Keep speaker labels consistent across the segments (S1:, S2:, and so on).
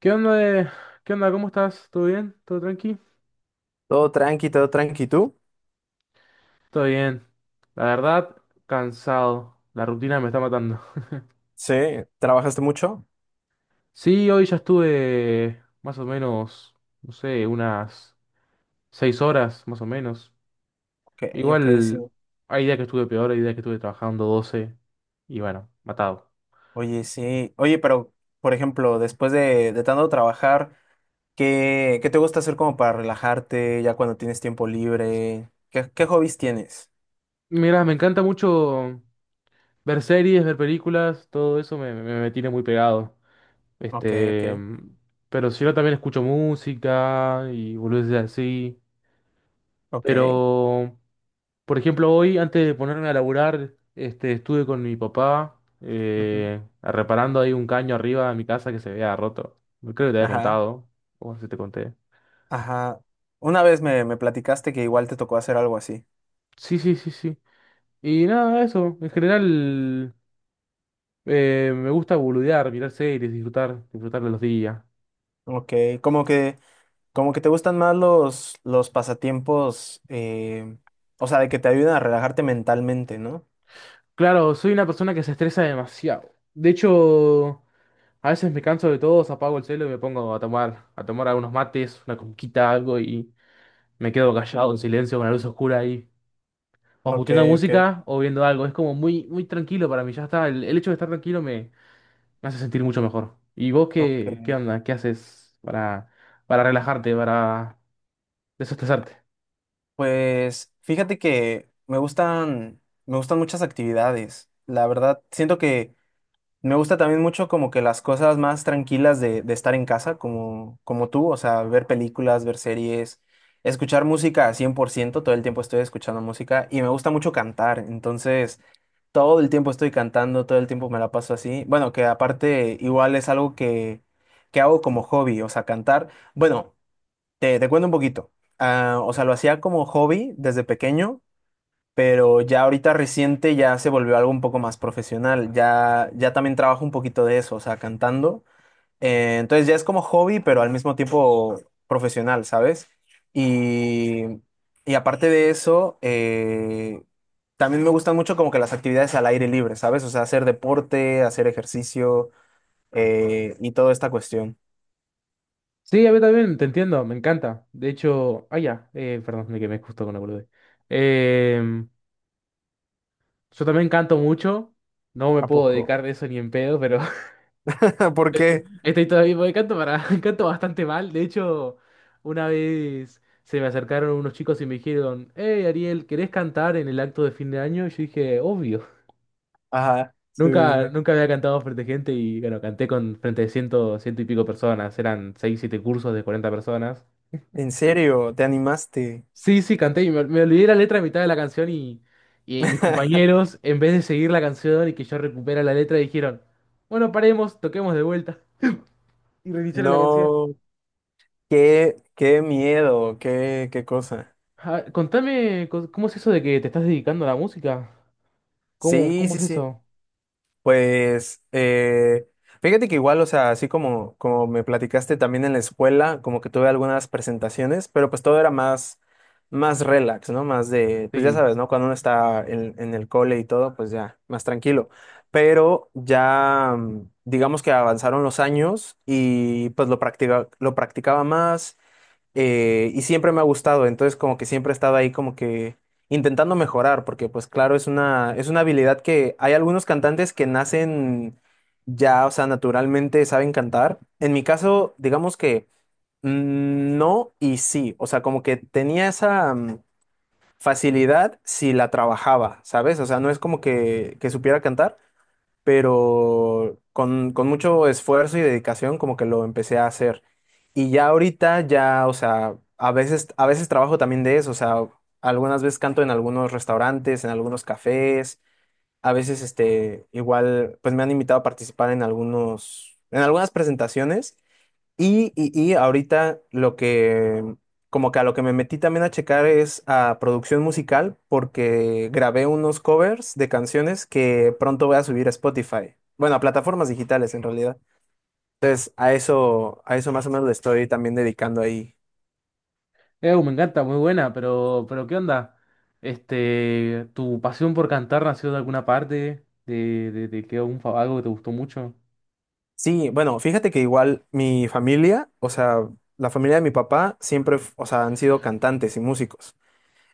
S1: ¿Qué onda, eh? ¿Qué onda? ¿Cómo estás? ¿Todo bien? ¿Todo tranqui?
S2: Todo tranqui, ¿tú?
S1: Todo bien. La verdad, cansado. La rutina me está matando.
S2: Sí, ¿trabajaste mucho?
S1: Sí, hoy ya estuve más o menos, no sé, unas 6 horas, más o menos.
S2: Ok, ok,
S1: Igual,
S2: sí.
S1: hay días que estuve peor, hay días que estuve trabajando 12 y bueno, matado.
S2: Oye, sí. Oye, pero, por ejemplo, después de tanto trabajar, ¿qué te gusta hacer como para relajarte ya cuando tienes tiempo libre? ¿Qué hobbies tienes?
S1: Mirá, me encanta mucho ver series, ver películas, todo eso me tiene muy pegado.
S2: Ok, ok,
S1: Este, pero si no, también escucho música y boludeces así.
S2: ok.
S1: Pero, por ejemplo, hoy, antes de ponerme a laburar, este, estuve con mi papá
S2: Ujú.
S1: reparando ahí un caño arriba de mi casa que se había roto. Creo que te había
S2: Ajá,
S1: contado, o no sé si te conté.
S2: ajá. Una vez me platicaste que igual te tocó hacer algo así.
S1: Sí, sí, sí, sí. Y nada, eso. En general, me gusta boludear, mirar series, disfrutar, disfrutar de los días.
S2: Ok, como que, como que te gustan más los pasatiempos, o sea, de que te ayudan a relajarte mentalmente, ¿no?
S1: Claro, soy una persona que se estresa demasiado. De hecho, a veces me canso de todo, apago el celo y me pongo a tomar, algunos mates, una conquita, algo y me quedo callado en silencio con la luz oscura ahí. O
S2: Ok,
S1: escuchando
S2: ok,
S1: música o viendo algo. Es como muy, muy tranquilo para mí. Ya está. El hecho de estar tranquilo me hace sentir mucho mejor. ¿Y vos qué
S2: ok.
S1: onda? ¿Qué haces para relajarte, para desestresarte?
S2: Pues fíjate que me gustan muchas actividades. La verdad, siento que me gusta también mucho como que las cosas más tranquilas de estar en casa, como tú, o sea, ver películas, ver series, escuchar música al 100%, todo el tiempo estoy escuchando música y me gusta mucho cantar, entonces todo el tiempo estoy cantando, todo el tiempo me la paso así. Bueno, que aparte igual es algo que hago como hobby, o sea, cantar. Bueno. Te cuento un poquito. Ah, o sea, lo hacía como hobby desde pequeño, pero ya ahorita reciente ya se volvió algo un poco más profesional. Ya, ya también trabajo un poquito de eso, o sea, cantando. Entonces ya es como hobby, pero al mismo tiempo profesional, ¿sabes? Y, y aparte de eso, también me gustan mucho como que las actividades al aire libre, ¿sabes? O sea, hacer deporte, hacer ejercicio, y toda esta cuestión.
S1: Sí, a mí también, te entiendo, me encanta. De hecho, ya, perdón, me quemé justo con la boludez. Eh, yo también canto mucho. No me
S2: ¿A
S1: puedo
S2: poco?
S1: dedicar de eso ni en pedo, pero
S2: ¿Por qué?
S1: estoy todavía porque canto bastante mal. De hecho, una vez se me acercaron unos chicos y me dijeron: "Hey, Ariel, ¿querés cantar en el acto de fin de año?". Y yo dije: "Obvio".
S2: Ajá, sí, sí,
S1: Nunca,
S2: sí.
S1: nunca había cantado frente a gente y bueno, canté con frente de ciento y pico personas. Eran seis, siete cursos de 40 personas.
S2: En serio, te animaste.
S1: Sí, sí, canté y me olvidé la letra a mitad de la canción, y mis compañeros, en vez de seguir la canción y que yo recupera la letra, dijeron: "Bueno, paremos, toquemos de vuelta". Y reiniciaron la canción.
S2: No, qué miedo, qué cosa.
S1: Ah, contame, ¿cómo es eso de que te estás dedicando a la música? ¿Cómo,
S2: Sí,
S1: cómo
S2: sí,
S1: es
S2: sí.
S1: eso?
S2: Pues, fíjate que igual, o sea, así como me platicaste también en la escuela, como que tuve algunas presentaciones, pero pues todo era más relax, ¿no? Más de, pues ya
S1: Sí.
S2: sabes, ¿no? Cuando uno está en el cole y todo, pues ya, más tranquilo. Pero ya, digamos que avanzaron los años y pues lo practicaba más, y siempre me ha gustado, entonces como que siempre he estado ahí como que intentando mejorar, porque pues claro, es una habilidad que hay algunos cantantes que nacen ya, o sea, naturalmente saben cantar. En mi caso, digamos que, no y sí, o sea, como que tenía esa, facilidad si la trabajaba, ¿sabes? O sea, no es como que supiera cantar, pero con mucho esfuerzo y dedicación como que lo empecé a hacer. Y ya ahorita ya, o sea, a veces trabajo también de eso, o sea, algunas veces canto en algunos restaurantes, en algunos cafés, a veces igual, pues me han invitado a participar en en algunas presentaciones y ahorita lo que, como que a lo que me metí también a checar es a producción musical, porque grabé unos covers de canciones que pronto voy a subir a Spotify. Bueno, a plataformas digitales en realidad. Entonces, a eso más o menos le estoy también dedicando ahí.
S1: Me encanta, muy buena, pero ¿qué onda? Este, ¿tu pasión por cantar nació de alguna parte? ¿De que algún algo que te gustó mucho?
S2: Sí, bueno, fíjate que igual mi familia, o sea, la familia de mi papá siempre, o sea, han sido cantantes y músicos.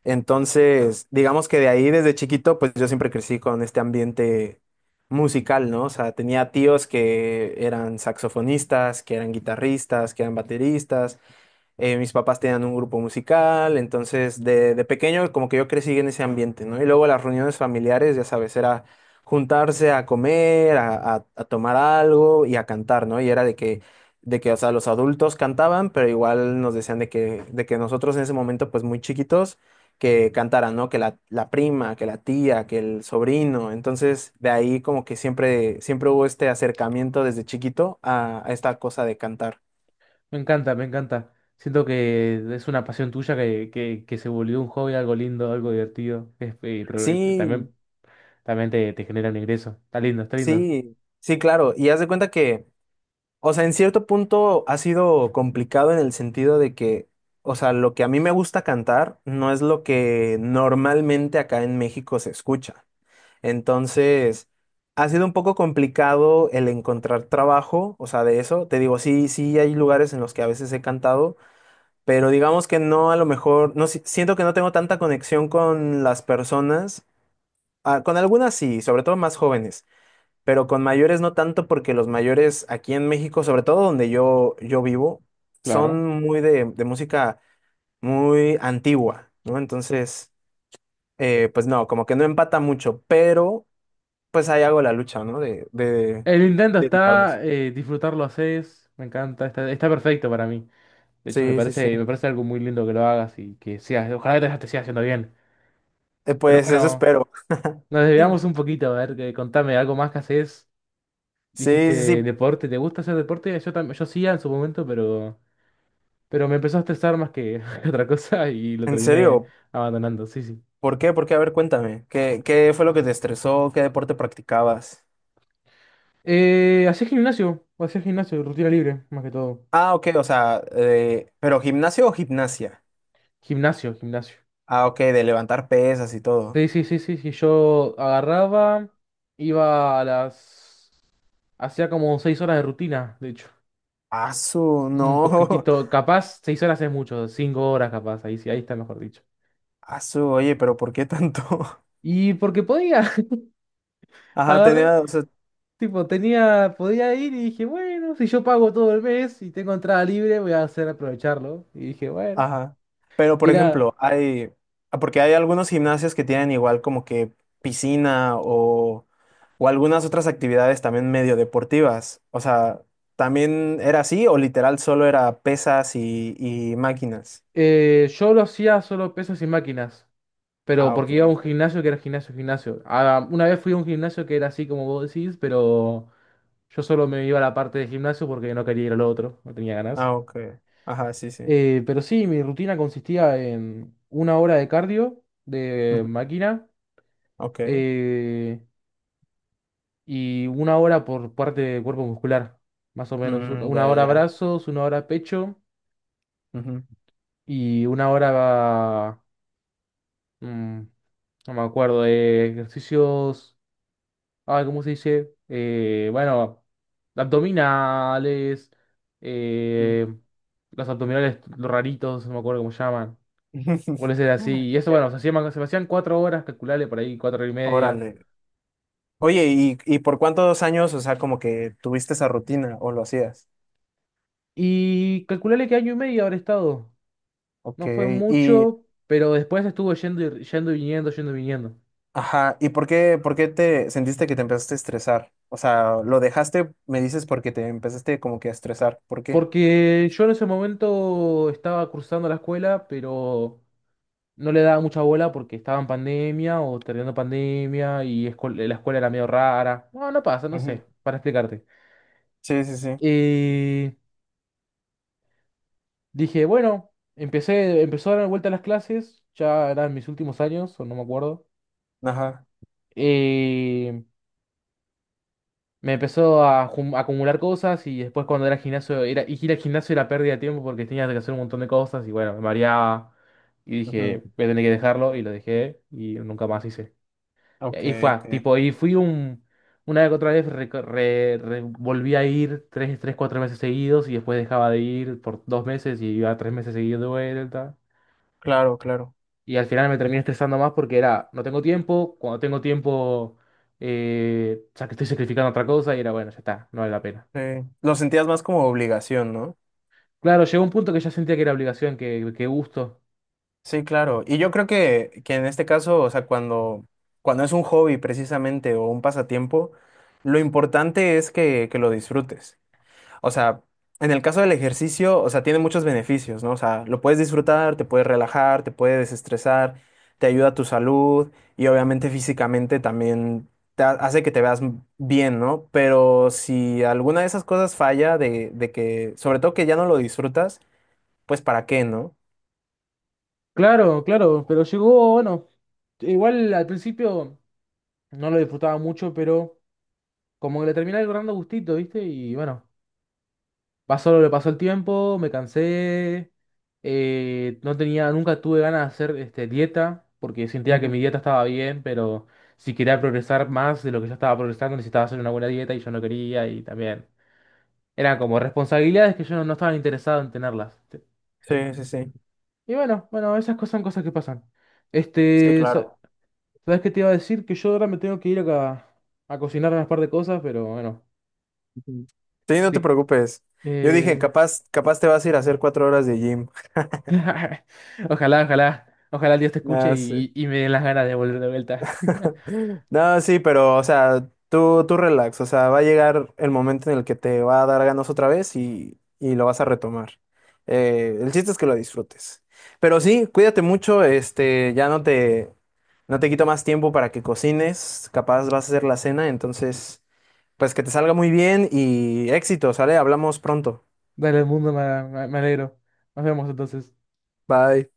S2: Entonces, digamos que de ahí desde chiquito, pues yo siempre crecí con este ambiente musical, ¿no? O sea, tenía tíos que eran saxofonistas, que eran guitarristas, que eran bateristas, mis papás tenían un grupo musical, entonces de pequeño como que yo crecí en ese ambiente, ¿no? Y luego las reuniones familiares, ya sabes, era juntarse a comer, a tomar algo y a cantar, ¿no? Y era de que, o sea, los adultos cantaban, pero igual nos decían de que nosotros en ese momento, pues muy chiquitos, que cantaran, ¿no? Que la prima, que la tía, que el sobrino. Entonces, de ahí como que siempre, siempre hubo este acercamiento desde chiquito a esta cosa de cantar.
S1: Me encanta, me encanta. Siento que es una pasión tuya que se volvió un hobby, algo lindo, algo divertido. Es- eh, pero eh,
S2: Sí,
S1: también, también te genera un ingreso. Está lindo, está lindo.
S2: sí, sí, claro. Y haz de cuenta que, o sea, en cierto punto ha sido complicado en el sentido de que, o sea, lo que a mí me gusta cantar no es lo que normalmente acá en México se escucha. Entonces, ha sido un poco complicado el encontrar trabajo, o sea, de eso. Te digo, sí, sí hay lugares en los que a veces he cantado, pero digamos que no, a lo mejor, no, siento que no tengo tanta conexión con las personas. Ah, con algunas sí, sobre todo más jóvenes, pero con mayores no tanto porque los mayores aquí en México, sobre todo donde yo vivo,
S1: Claro.
S2: son muy de música muy antigua, ¿no? Entonces, pues no, como que no empata mucho, pero pues ahí hago la lucha, ¿no? De
S1: El intento
S2: dedicarme a eso.
S1: está, disfrutarlo haces, me encanta, está perfecto para mí. De hecho,
S2: Sí, sí, sí.
S1: me parece algo muy lindo que lo hagas y que seas, ojalá que te siga haciendo bien. Pero
S2: Pues eso
S1: bueno,
S2: espero.
S1: nos desviamos un poquito. A ver, que, contame algo más que haces. Dijiste
S2: Sí, sí, sí.
S1: deporte, ¿te gusta hacer deporte? Yo también, yo sí en su momento, pero me empezó a estresar más que que otra cosa y lo
S2: En
S1: terminé
S2: serio,
S1: abandonando, sí, sí.
S2: ¿por qué? ¿Por qué? A ver, cuéntame. ¿Qué fue lo que te estresó? ¿Qué deporte practicabas?
S1: ¿Hacés gimnasio? ¿Hacía gimnasio? Rutina libre, más que todo.
S2: Ah, ok, o sea, pero gimnasio o gimnasia.
S1: Gimnasio, gimnasio.
S2: Ah, ok, de levantar pesas y todo.
S1: Sí, sí, sí, sí, sí. Yo agarraba, iba a las... Hacía como 6 horas de rutina, de hecho.
S2: Asu,
S1: Un
S2: no.
S1: poquitito, capaz, 6 horas es mucho, 5 horas capaz, ahí sí, ahí está mejor dicho.
S2: Asu, oye, pero ¿por qué tanto?
S1: Y porque podía,
S2: Ajá,
S1: agarré,
S2: tenía, o sea,
S1: tipo, tenía, podía ir y dije, bueno, si yo pago todo el mes y tengo entrada libre, voy a hacer aprovecharlo. Y dije, bueno.
S2: ajá. Pero, por
S1: Y nada,
S2: ejemplo, ah, porque hay algunos gimnasios que tienen igual como que piscina o algunas otras actividades también medio deportivas. O sea, ¿también era así o literal solo era pesas y máquinas?
S1: yo lo hacía solo pesos y máquinas, pero
S2: Ah, ok.
S1: porque iba a un gimnasio que era gimnasio, gimnasio. Ah, una vez fui a un gimnasio que era así como vos decís, pero yo solo me iba a la parte de gimnasio porque no quería ir al otro, no tenía ganas.
S2: Ah, ok. Ajá, sí, sí.
S1: Pero sí, mi rutina consistía en 1 hora de cardio de
S2: Ujú,
S1: máquina
S2: ok.
S1: eh, y 1 hora por parte de cuerpo muscular, más o menos.
S2: Mm, ya,
S1: Una
S2: ya,
S1: hora
S2: ya.
S1: brazos, 1 hora pecho y 1 hora, mm, no me acuerdo, de ejercicios. ¿cómo se dice? Bueno, abdominales,
S2: Ujú.
S1: eh, los abdominales raritos, no me acuerdo cómo se llaman. Suele ser así. Y eso,
S2: Ok,
S1: bueno, se hacían 4 horas, calcularle por ahí, cuatro y media.
S2: órale. Oye, ¿y por cuántos años, o sea, como que tuviste esa rutina o lo hacías?
S1: Y calcularle que año y medio habré estado.
S2: Ok,
S1: No fue
S2: y,
S1: mucho, pero después estuvo yendo y, yendo y viniendo, yendo y viniendo.
S2: ajá. ¿Y por qué te sentiste que te empezaste a estresar? O sea, lo dejaste, me dices, porque te empezaste como que a estresar. ¿Por qué?
S1: Porque yo en ese momento estaba cursando la escuela, pero no le daba mucha bola porque estaba en pandemia o terminando pandemia y la escuela era medio rara. No, no pasa, no
S2: Ujú.
S1: sé, para explicarte.
S2: Sí, sí, sí.
S1: Eh, Dije, bueno, empezó a dar vuelta a las clases, ya eran mis últimos años, o no me acuerdo.
S2: Ajá.
S1: Eh, Me empezó a acumular cosas, y después cuando era al gimnasio, y ir al gimnasio era pérdida de tiempo porque tenía que hacer un montón de cosas y bueno, me mareaba. Y
S2: Ujú.
S1: dije: "Voy a tener que dejarlo", y lo dejé y nunca más hice. Y
S2: Ok,
S1: ahí fue,
S2: ok.
S1: tipo, y fui un... Una vez que otra vez volví a ir tres, tres, cuatro meses seguidos, y después dejaba de ir por 2 meses y iba 3 meses seguidos de vuelta.
S2: Claro, claro.
S1: Y al final me terminé estresando más porque era, no tengo tiempo, cuando tengo tiempo, ya que estoy sacrificando otra cosa, y era, bueno, ya está, no vale la pena.
S2: Sí. Lo sentías más como obligación, ¿no?
S1: Claro, llegó un punto que ya sentía que era obligación, que gusto.
S2: Sí, claro. Y yo creo que en este caso, o sea, cuando es un hobby precisamente o un pasatiempo, lo importante es que lo disfrutes. O sea, en el caso del ejercicio, o sea, tiene muchos beneficios, ¿no? O sea, lo puedes disfrutar, te puedes relajar, te puedes desestresar, te ayuda a tu salud y obviamente físicamente también te hace que te veas bien, ¿no? Pero si alguna de esas cosas falla, de que, sobre todo que ya no lo disfrutas, pues ¿para qué, no?
S1: Claro, claro, pero llegó, bueno, igual al principio no lo disfrutaba mucho, pero como que le terminé agarrando gustito, ¿viste? Y bueno. Pasó lo que pasó el tiempo, me cansé, no tenía, nunca tuve ganas de hacer este, dieta, porque sentía que
S2: Ujú.
S1: mi dieta estaba bien, pero si quería progresar más de lo que yo estaba progresando, necesitaba hacer una buena dieta y yo no quería, y también eran como responsabilidades que yo no, no estaba interesado en tenerlas. ¿Sí?
S2: Sí, sí, sí.
S1: Y bueno, bueno, esas cosas son cosas que pasan.
S2: Sí,
S1: Este,
S2: claro.
S1: ¿sabes qué te iba a decir? Que yo ahora me tengo que ir acá a cocinar unas par de cosas, pero bueno,
S2: Ujú. Sí, no te
S1: sí,
S2: preocupes. Yo dije,
S1: eh,
S2: capaz te vas a ir a hacer 4 horas de gym.
S1: ojalá, ojalá, ojalá Dios te escuche
S2: Nah, sí.
S1: y, me den las ganas de volver de vuelta.
S2: No, sí, pero, o sea, tú relax. O sea, va a llegar el momento en el que te va a dar ganas otra vez y lo vas a retomar. El chiste es que lo disfrutes. Pero sí, cuídate mucho. Ya no te quito más tiempo para que cocines. Capaz vas a hacer la cena. Entonces, pues que te salga muy bien y éxito, ¿sale? Hablamos pronto.
S1: Dale al mundo, me alegro. Nos vemos entonces.
S2: Bye.